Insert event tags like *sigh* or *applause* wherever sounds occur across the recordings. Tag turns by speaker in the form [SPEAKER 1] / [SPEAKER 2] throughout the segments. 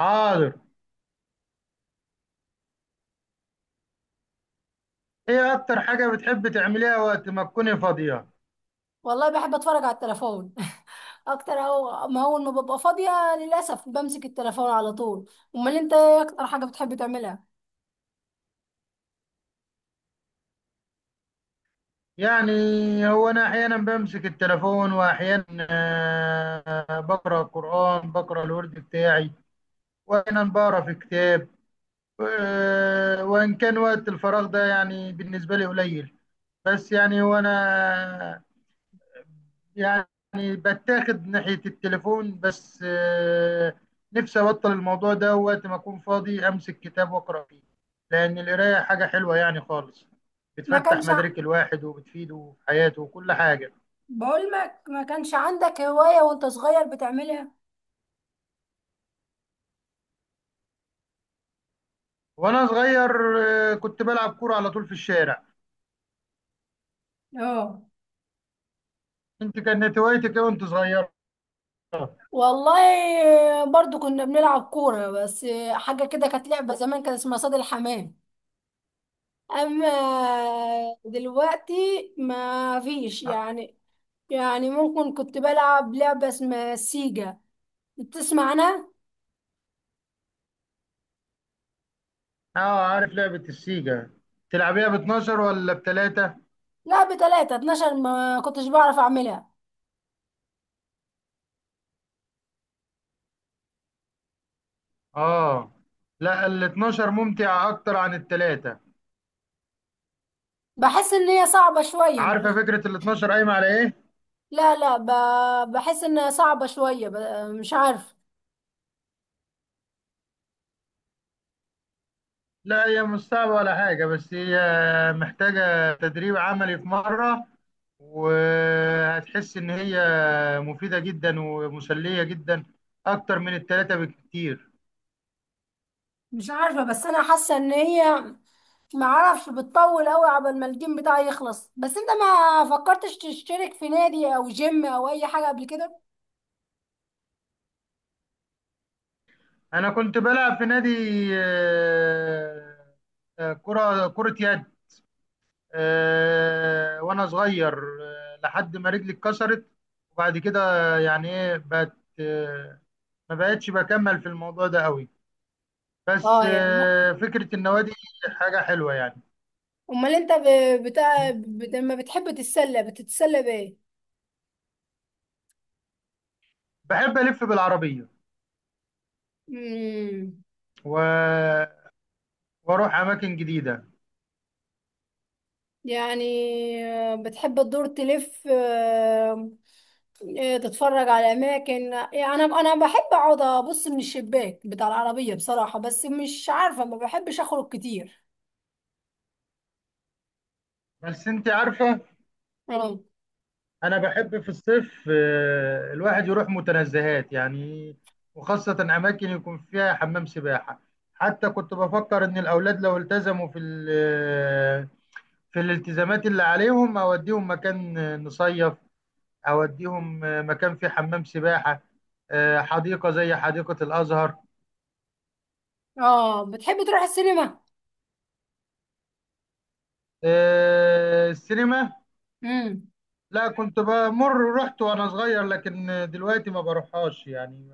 [SPEAKER 1] حاضر. ايه اكتر حاجة بتحب تعمليها وقت ما تكوني فاضية؟
[SPEAKER 2] والله بحب اتفرج على التليفون *laughs* اكتر. او ما اول ما ببقى فاضيه للاسف بمسك التليفون على طول. امال انت ايه اكتر حاجه بتحب تعملها؟
[SPEAKER 1] يعني هو انا احيانا بمسك التليفون واحيانا بقرا قرآن، بقرا الورد بتاعي، واحيانا بقرا في كتاب. وان كان وقت الفراغ ده يعني بالنسبة لي قليل، بس يعني هو انا، يعني بتاخد ناحية التليفون بس. نفسي أبطل الموضوع ده، وقت ما أكون فاضي أمسك كتاب وأقرأ فيه، لأن القراية حاجة حلوة يعني خالص،
[SPEAKER 2] ما
[SPEAKER 1] بتفتح
[SPEAKER 2] كانش ع-
[SPEAKER 1] مدارك الواحد وبتفيده في حياته وكل حاجة.
[SPEAKER 2] بقول لك ما كانش عندك هوايه وانت صغير بتعملها؟
[SPEAKER 1] وأنا صغير كنت بلعب كورة على طول في الشارع.
[SPEAKER 2] اه.
[SPEAKER 1] أنت كانت هوايتك إيه وأنت صغير؟
[SPEAKER 2] والله برضو كنا بنلعب كوره، بس حاجه كده كانت لعبه زمان كان اسمها صيد الحمام. اما دلوقتي ما فيش. يعني ممكن كنت بلعب لعبه اسمها سيجا، بتسمع عنها؟
[SPEAKER 1] اه، عارف لعبة السيجا. تلعبيها ب 12 ولا بتلاتة؟
[SPEAKER 2] لا، بتلاتة، 12 ما كنتش بعرف اعملها.
[SPEAKER 1] اه، لا ال 12 ممتع اكتر عن التلاتة.
[SPEAKER 2] بحس ان هي صعبة شوية.
[SPEAKER 1] عارفة
[SPEAKER 2] ماشي.
[SPEAKER 1] فكرة ال 12 قايمة على إيه؟
[SPEAKER 2] لا لا ب... بحس انها صعبة شوية. مش عارف.
[SPEAKER 1] لا هي مش صعبة ولا حاجة، بس هي محتاجة تدريب عملي في مرة، وهتحس إن هي مفيدة جدا ومسلية جدا أكتر من التلاتة بكتير.
[SPEAKER 2] مش عارفة، بس انا حاسة ان هي ما اعرفش بتطول قوي عبال ما الجيم بتاعي يخلص. بس انت ما فكرتش تشترك في نادي او جيم او اي حاجة قبل كده؟
[SPEAKER 1] أنا كنت بلعب في نادي آه، كرة يد، وأنا صغير، لحد ما رجلي اتكسرت، وبعد كده يعني إيه بقت، ما بقتش بكمل في الموضوع ده قوي. بس
[SPEAKER 2] اه يعني.
[SPEAKER 1] فكرة النوادي حاجة حلوة يعني.
[SPEAKER 2] امال انت لما بتحب تتسلى بتتسلى بايه؟
[SPEAKER 1] بحب ألف بالعربية
[SPEAKER 2] امم.
[SPEAKER 1] و... وأروح أماكن جديدة.
[SPEAKER 2] يعني بتحب تدور تلف، تتفرج على اماكن؟ يعني انا بحب اقعد ابص من الشباك بتاع العربيه بصراحه، بس مش عارفه ما بحبش اخرج كتير.
[SPEAKER 1] بس أنت عارفة،
[SPEAKER 2] اه.
[SPEAKER 1] أنا بحب في الصيف الواحد يروح متنزهات يعني، وخاصة أماكن يكون فيها حمام سباحة. حتى كنت بفكر إن الأولاد لو التزموا في الالتزامات اللي عليهم، أوديهم مكان نصيف، أوديهم مكان فيه حمام سباحة، حديقة زي حديقة الأزهر.
[SPEAKER 2] اه، بتحب تروح السينما؟
[SPEAKER 1] السينما،
[SPEAKER 2] امم.
[SPEAKER 1] لا كنت بمر، رحت وانا صغير لكن دلوقتي ما بروحهاش يعني.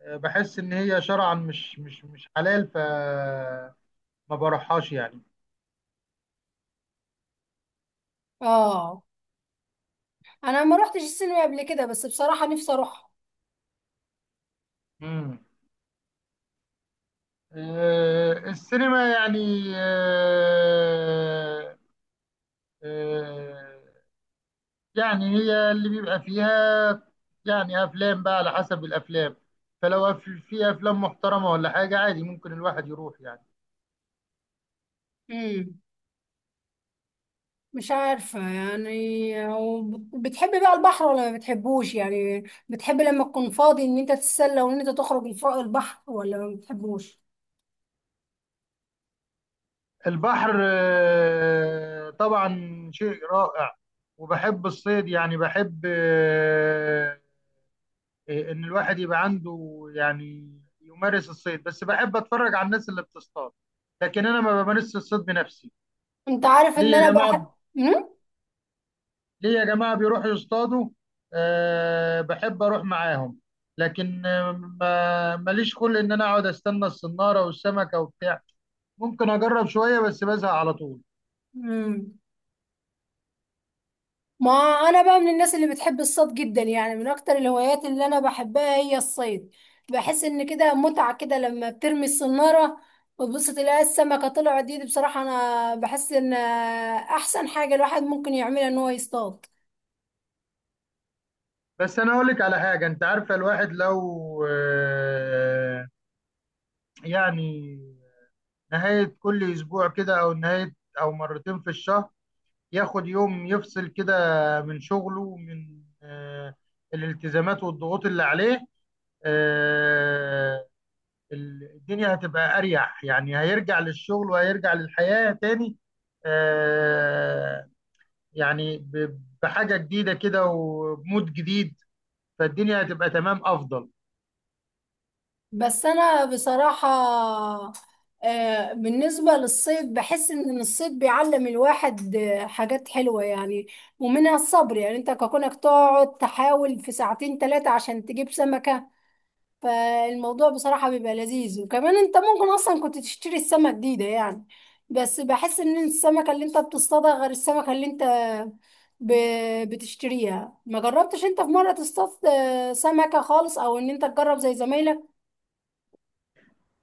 [SPEAKER 1] بحس ان هي شرعا مش حلال، ف ما بروحهاش يعني.
[SPEAKER 2] اه، انا ما روحتش السينما قبل كده، بس بصراحه نفسي اروح.
[SPEAKER 1] امم السينما يعني آه، آه، يعني هي اللي بيبقى فيها، يعني افلام بقى على حسب الافلام، فلو في افلام محترمة ولا حاجة عادي، ممكن الواحد يروح يعني.
[SPEAKER 2] امم. مش عارفه يعني، بتحب بقى البحر ولا ما بتحبوش؟ يعني بتحب لما تكون فاضي ان انت تتسلى وان انت تخرج البحر ولا ما بتحبوش؟
[SPEAKER 1] البحر طبعا شيء رائع، وبحب الصيد، يعني بحب ان الواحد يبقى عنده يعني يمارس الصيد، بس بحب اتفرج على الناس اللي بتصطاد، لكن انا ما بمارسش الصيد بنفسي.
[SPEAKER 2] انت عارف
[SPEAKER 1] ليه
[SPEAKER 2] ان
[SPEAKER 1] يا
[SPEAKER 2] انا
[SPEAKER 1] جماعه،
[SPEAKER 2] بحب. مم؟
[SPEAKER 1] ليه يا جماعه بيروحوا يصطادوا؟ أه بحب اروح معاهم، لكن ماليش خلق ان انا اقعد استنى الصناره والسمكه وبتاع، ممكن اجرب شويه بس بزهق على طول.
[SPEAKER 2] امم. ما انا بقى من الناس اللي بتحب الصيد جدا. يعني من اكتر الهوايات اللي انا بحبها هي الصيد. بحس ان كده متعة كده لما بترمي الصنارة وتبص تلاقي السمكة طلعت. دي، دي بصراحة انا بحس ان احسن حاجة الواحد ممكن يعملها ان هو يصطاد.
[SPEAKER 1] بس انا اقول لك على حاجه، انت عارفه الواحد لو آه، يعني نهايه كل اسبوع كده، او نهايه، او مرتين في الشهر، ياخد يوم يفصل كده من شغله ومن الالتزامات والضغوط اللي عليه آه، الدنيا هتبقى اريح، يعني هيرجع للشغل وهيرجع للحياه تاني آه، يعني بحاجه جديده كده وبمود جديد، فالدنيا هتبقى تمام افضل.
[SPEAKER 2] بس انا بصراحة بالنسبة للصيد بحس إن الصيد بيعلم الواحد حاجات حلوة يعني، ومنها الصبر. يعني أنت ككونك تقعد تحاول في ساعتين تلاتة عشان تجيب سمكة، فالموضوع بصراحة بيبقى لذيذ. وكمان أنت ممكن أصلا كنت تشتري السمكة جديدة، يعني بس بحس إن السمكة اللي أنت بتصطادها غير السمكة اللي أنت بتشتريها. ما جربتش أنت في مرة تصطاد سمكة خالص، أو إن أنت تجرب زي زمايلك؟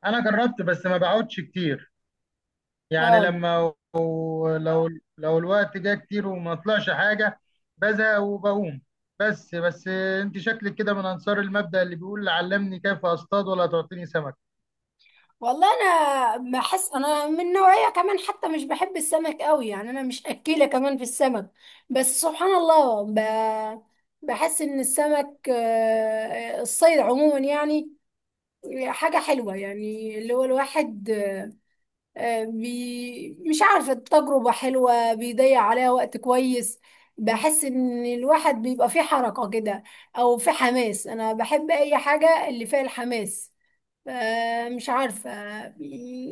[SPEAKER 1] انا جربت بس ما بقعدش كتير، يعني
[SPEAKER 2] اه.
[SPEAKER 1] لما لو الوقت جه كتير وما طلعش حاجه، بزهق وبقوم. بس انت شكلك كده من انصار المبدأ اللي بيقول علمني كيف اصطاد ولا تعطيني سمك.
[SPEAKER 2] والله انا بحس انا من نوعيه، كمان حتى مش بحب السمك قوي، يعني انا مش اكيله كمان في السمك. بس سبحان الله، بحس ان السمك، الصيد عموما، يعني حاجه حلوه يعني. اللي هو الواحد مش عارفه التجربه حلوه، بيضيع عليها وقت كويس. بحس ان الواحد بيبقى فيه حركه كده، او فيه حماس. انا بحب اي حاجه اللي فيها الحماس. مش عارفة.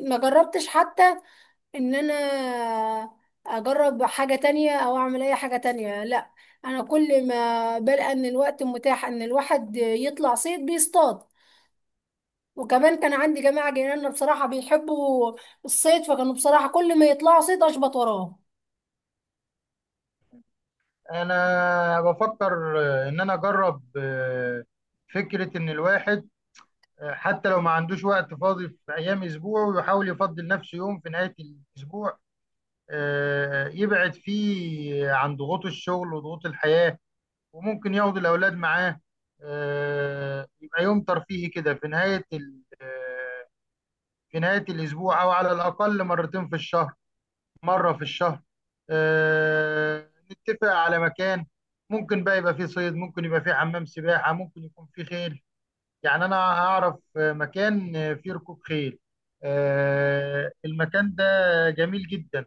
[SPEAKER 2] ما جربتش حتى ان انا اجرب حاجة تانية او اعمل اي حاجة تانية، لا. انا كل ما بلقى ان الوقت متاح ان الواحد يطلع صيد بيصطاد. وكمان كان عندي جماعة جيراننا بصراحة بيحبوا الصيد، فكانوا بصراحة كل ما يطلعوا صيد اشبط وراه.
[SPEAKER 1] انا بفكر ان انا اجرب فكره ان الواحد، حتى لو ما عندوش وقت فاضي في ايام اسبوعه، ويحاول يفضل نفسه يوم في نهايه الاسبوع، يبعد فيه عن ضغوط الشغل وضغوط الحياه، وممكن ياخد الأولاد معاه، يبقى يوم ترفيهي كده في نهاية الأسبوع، أو على الأقل مرتين في الشهر، مرة في الشهر، نتفق على مكان ممكن بقى يبقى فيه صيد، ممكن يبقى فيه حمام سباحة، ممكن يكون فيه خيل. يعني أنا أعرف مكان فيه ركوب خيل، المكان ده جميل جدا.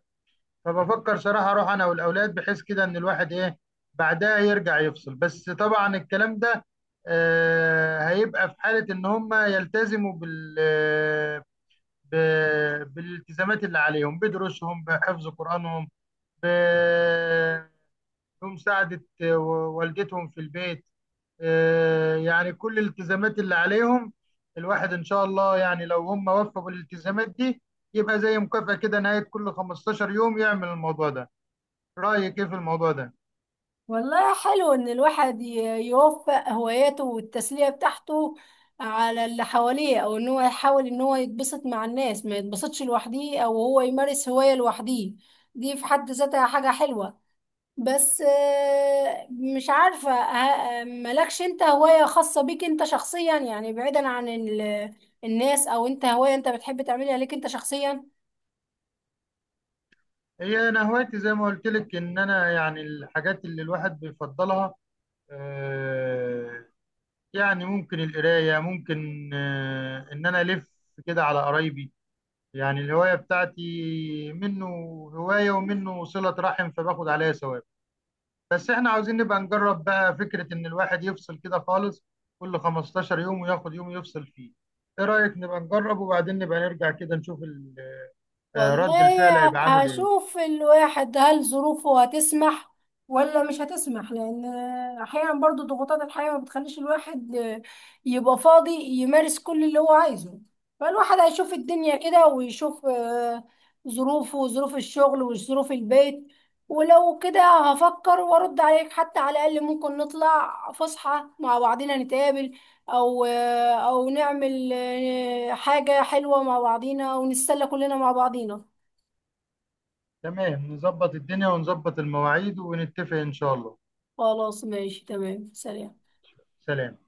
[SPEAKER 1] فبفكر صراحة اروح انا والاولاد، بحيث كده ان الواحد ايه، بعدها يرجع يفصل، بس طبعا الكلام ده هيبقى في حالة ان هم يلتزموا بالالتزامات اللي عليهم، بدروسهم، بحفظ قرآنهم، ب- بمساعدة والدتهم في البيت، يعني كل الالتزامات اللي عليهم، الواحد إن شاء الله يعني لو هم وفقوا بالالتزامات دي، يبقى زي مكافأة كده نهاية كل 15 يوم يعمل الموضوع ده. رأيك إيه في الموضوع ده؟
[SPEAKER 2] والله حلو إن الواحد يوفق هواياته والتسلية بتاعته على اللي حواليه، أو إن هو يحاول إن هو يتبسط مع الناس، ما يتبسطش لوحده، أو هو يمارس هواية لوحده. دي في حد ذاتها حاجة حلوة. بس مش عارفة، مالكش أنت هواية خاصة بيك أنت شخصيا؟ يعني بعيدا عن الناس، أو أنت هواية أنت بتحب تعملها ليك أنت شخصيا؟
[SPEAKER 1] هي أنا هوايتي زي ما قلت لك، إن أنا يعني الحاجات اللي الواحد بيفضلها، آه، يعني ممكن القراية، ممكن إن أنا ألف كده على قرايبي، يعني الهواية بتاعتي منه هواية ومنه صلة رحم، فباخد عليها ثواب. بس احنا عاوزين نبقى نجرب بقى فكرة ان الواحد يفصل كده خالص كل 15 يوم، وياخد يوم يفصل فيه. ايه رأيك نبقى نجرب، وبعدين نبقى نرجع كده نشوف رد
[SPEAKER 2] والله
[SPEAKER 1] الفعل هيبقى عامل ايه؟
[SPEAKER 2] هشوف الواحد هل ظروفه هتسمح ولا مش هتسمح، لان احيانا برضو ضغوطات الحياة ما بتخليش الواحد يبقى فاضي يمارس كل اللي هو عايزه. فالواحد هيشوف الدنيا كده ويشوف ظروفه وظروف الشغل وظروف البيت، ولو كده هفكر وارد عليك. حتى على الاقل ممكن نطلع فسحة مع بعضنا نتقابل، او او نعمل حاجة حلوة مع بعضينا، او نتسلى كلنا مع بعضينا.
[SPEAKER 1] تمام، نظبط الدنيا ونظبط المواعيد ونتفق ان شاء الله.
[SPEAKER 2] خلاص ماشي تمام. سلام.
[SPEAKER 1] سلام.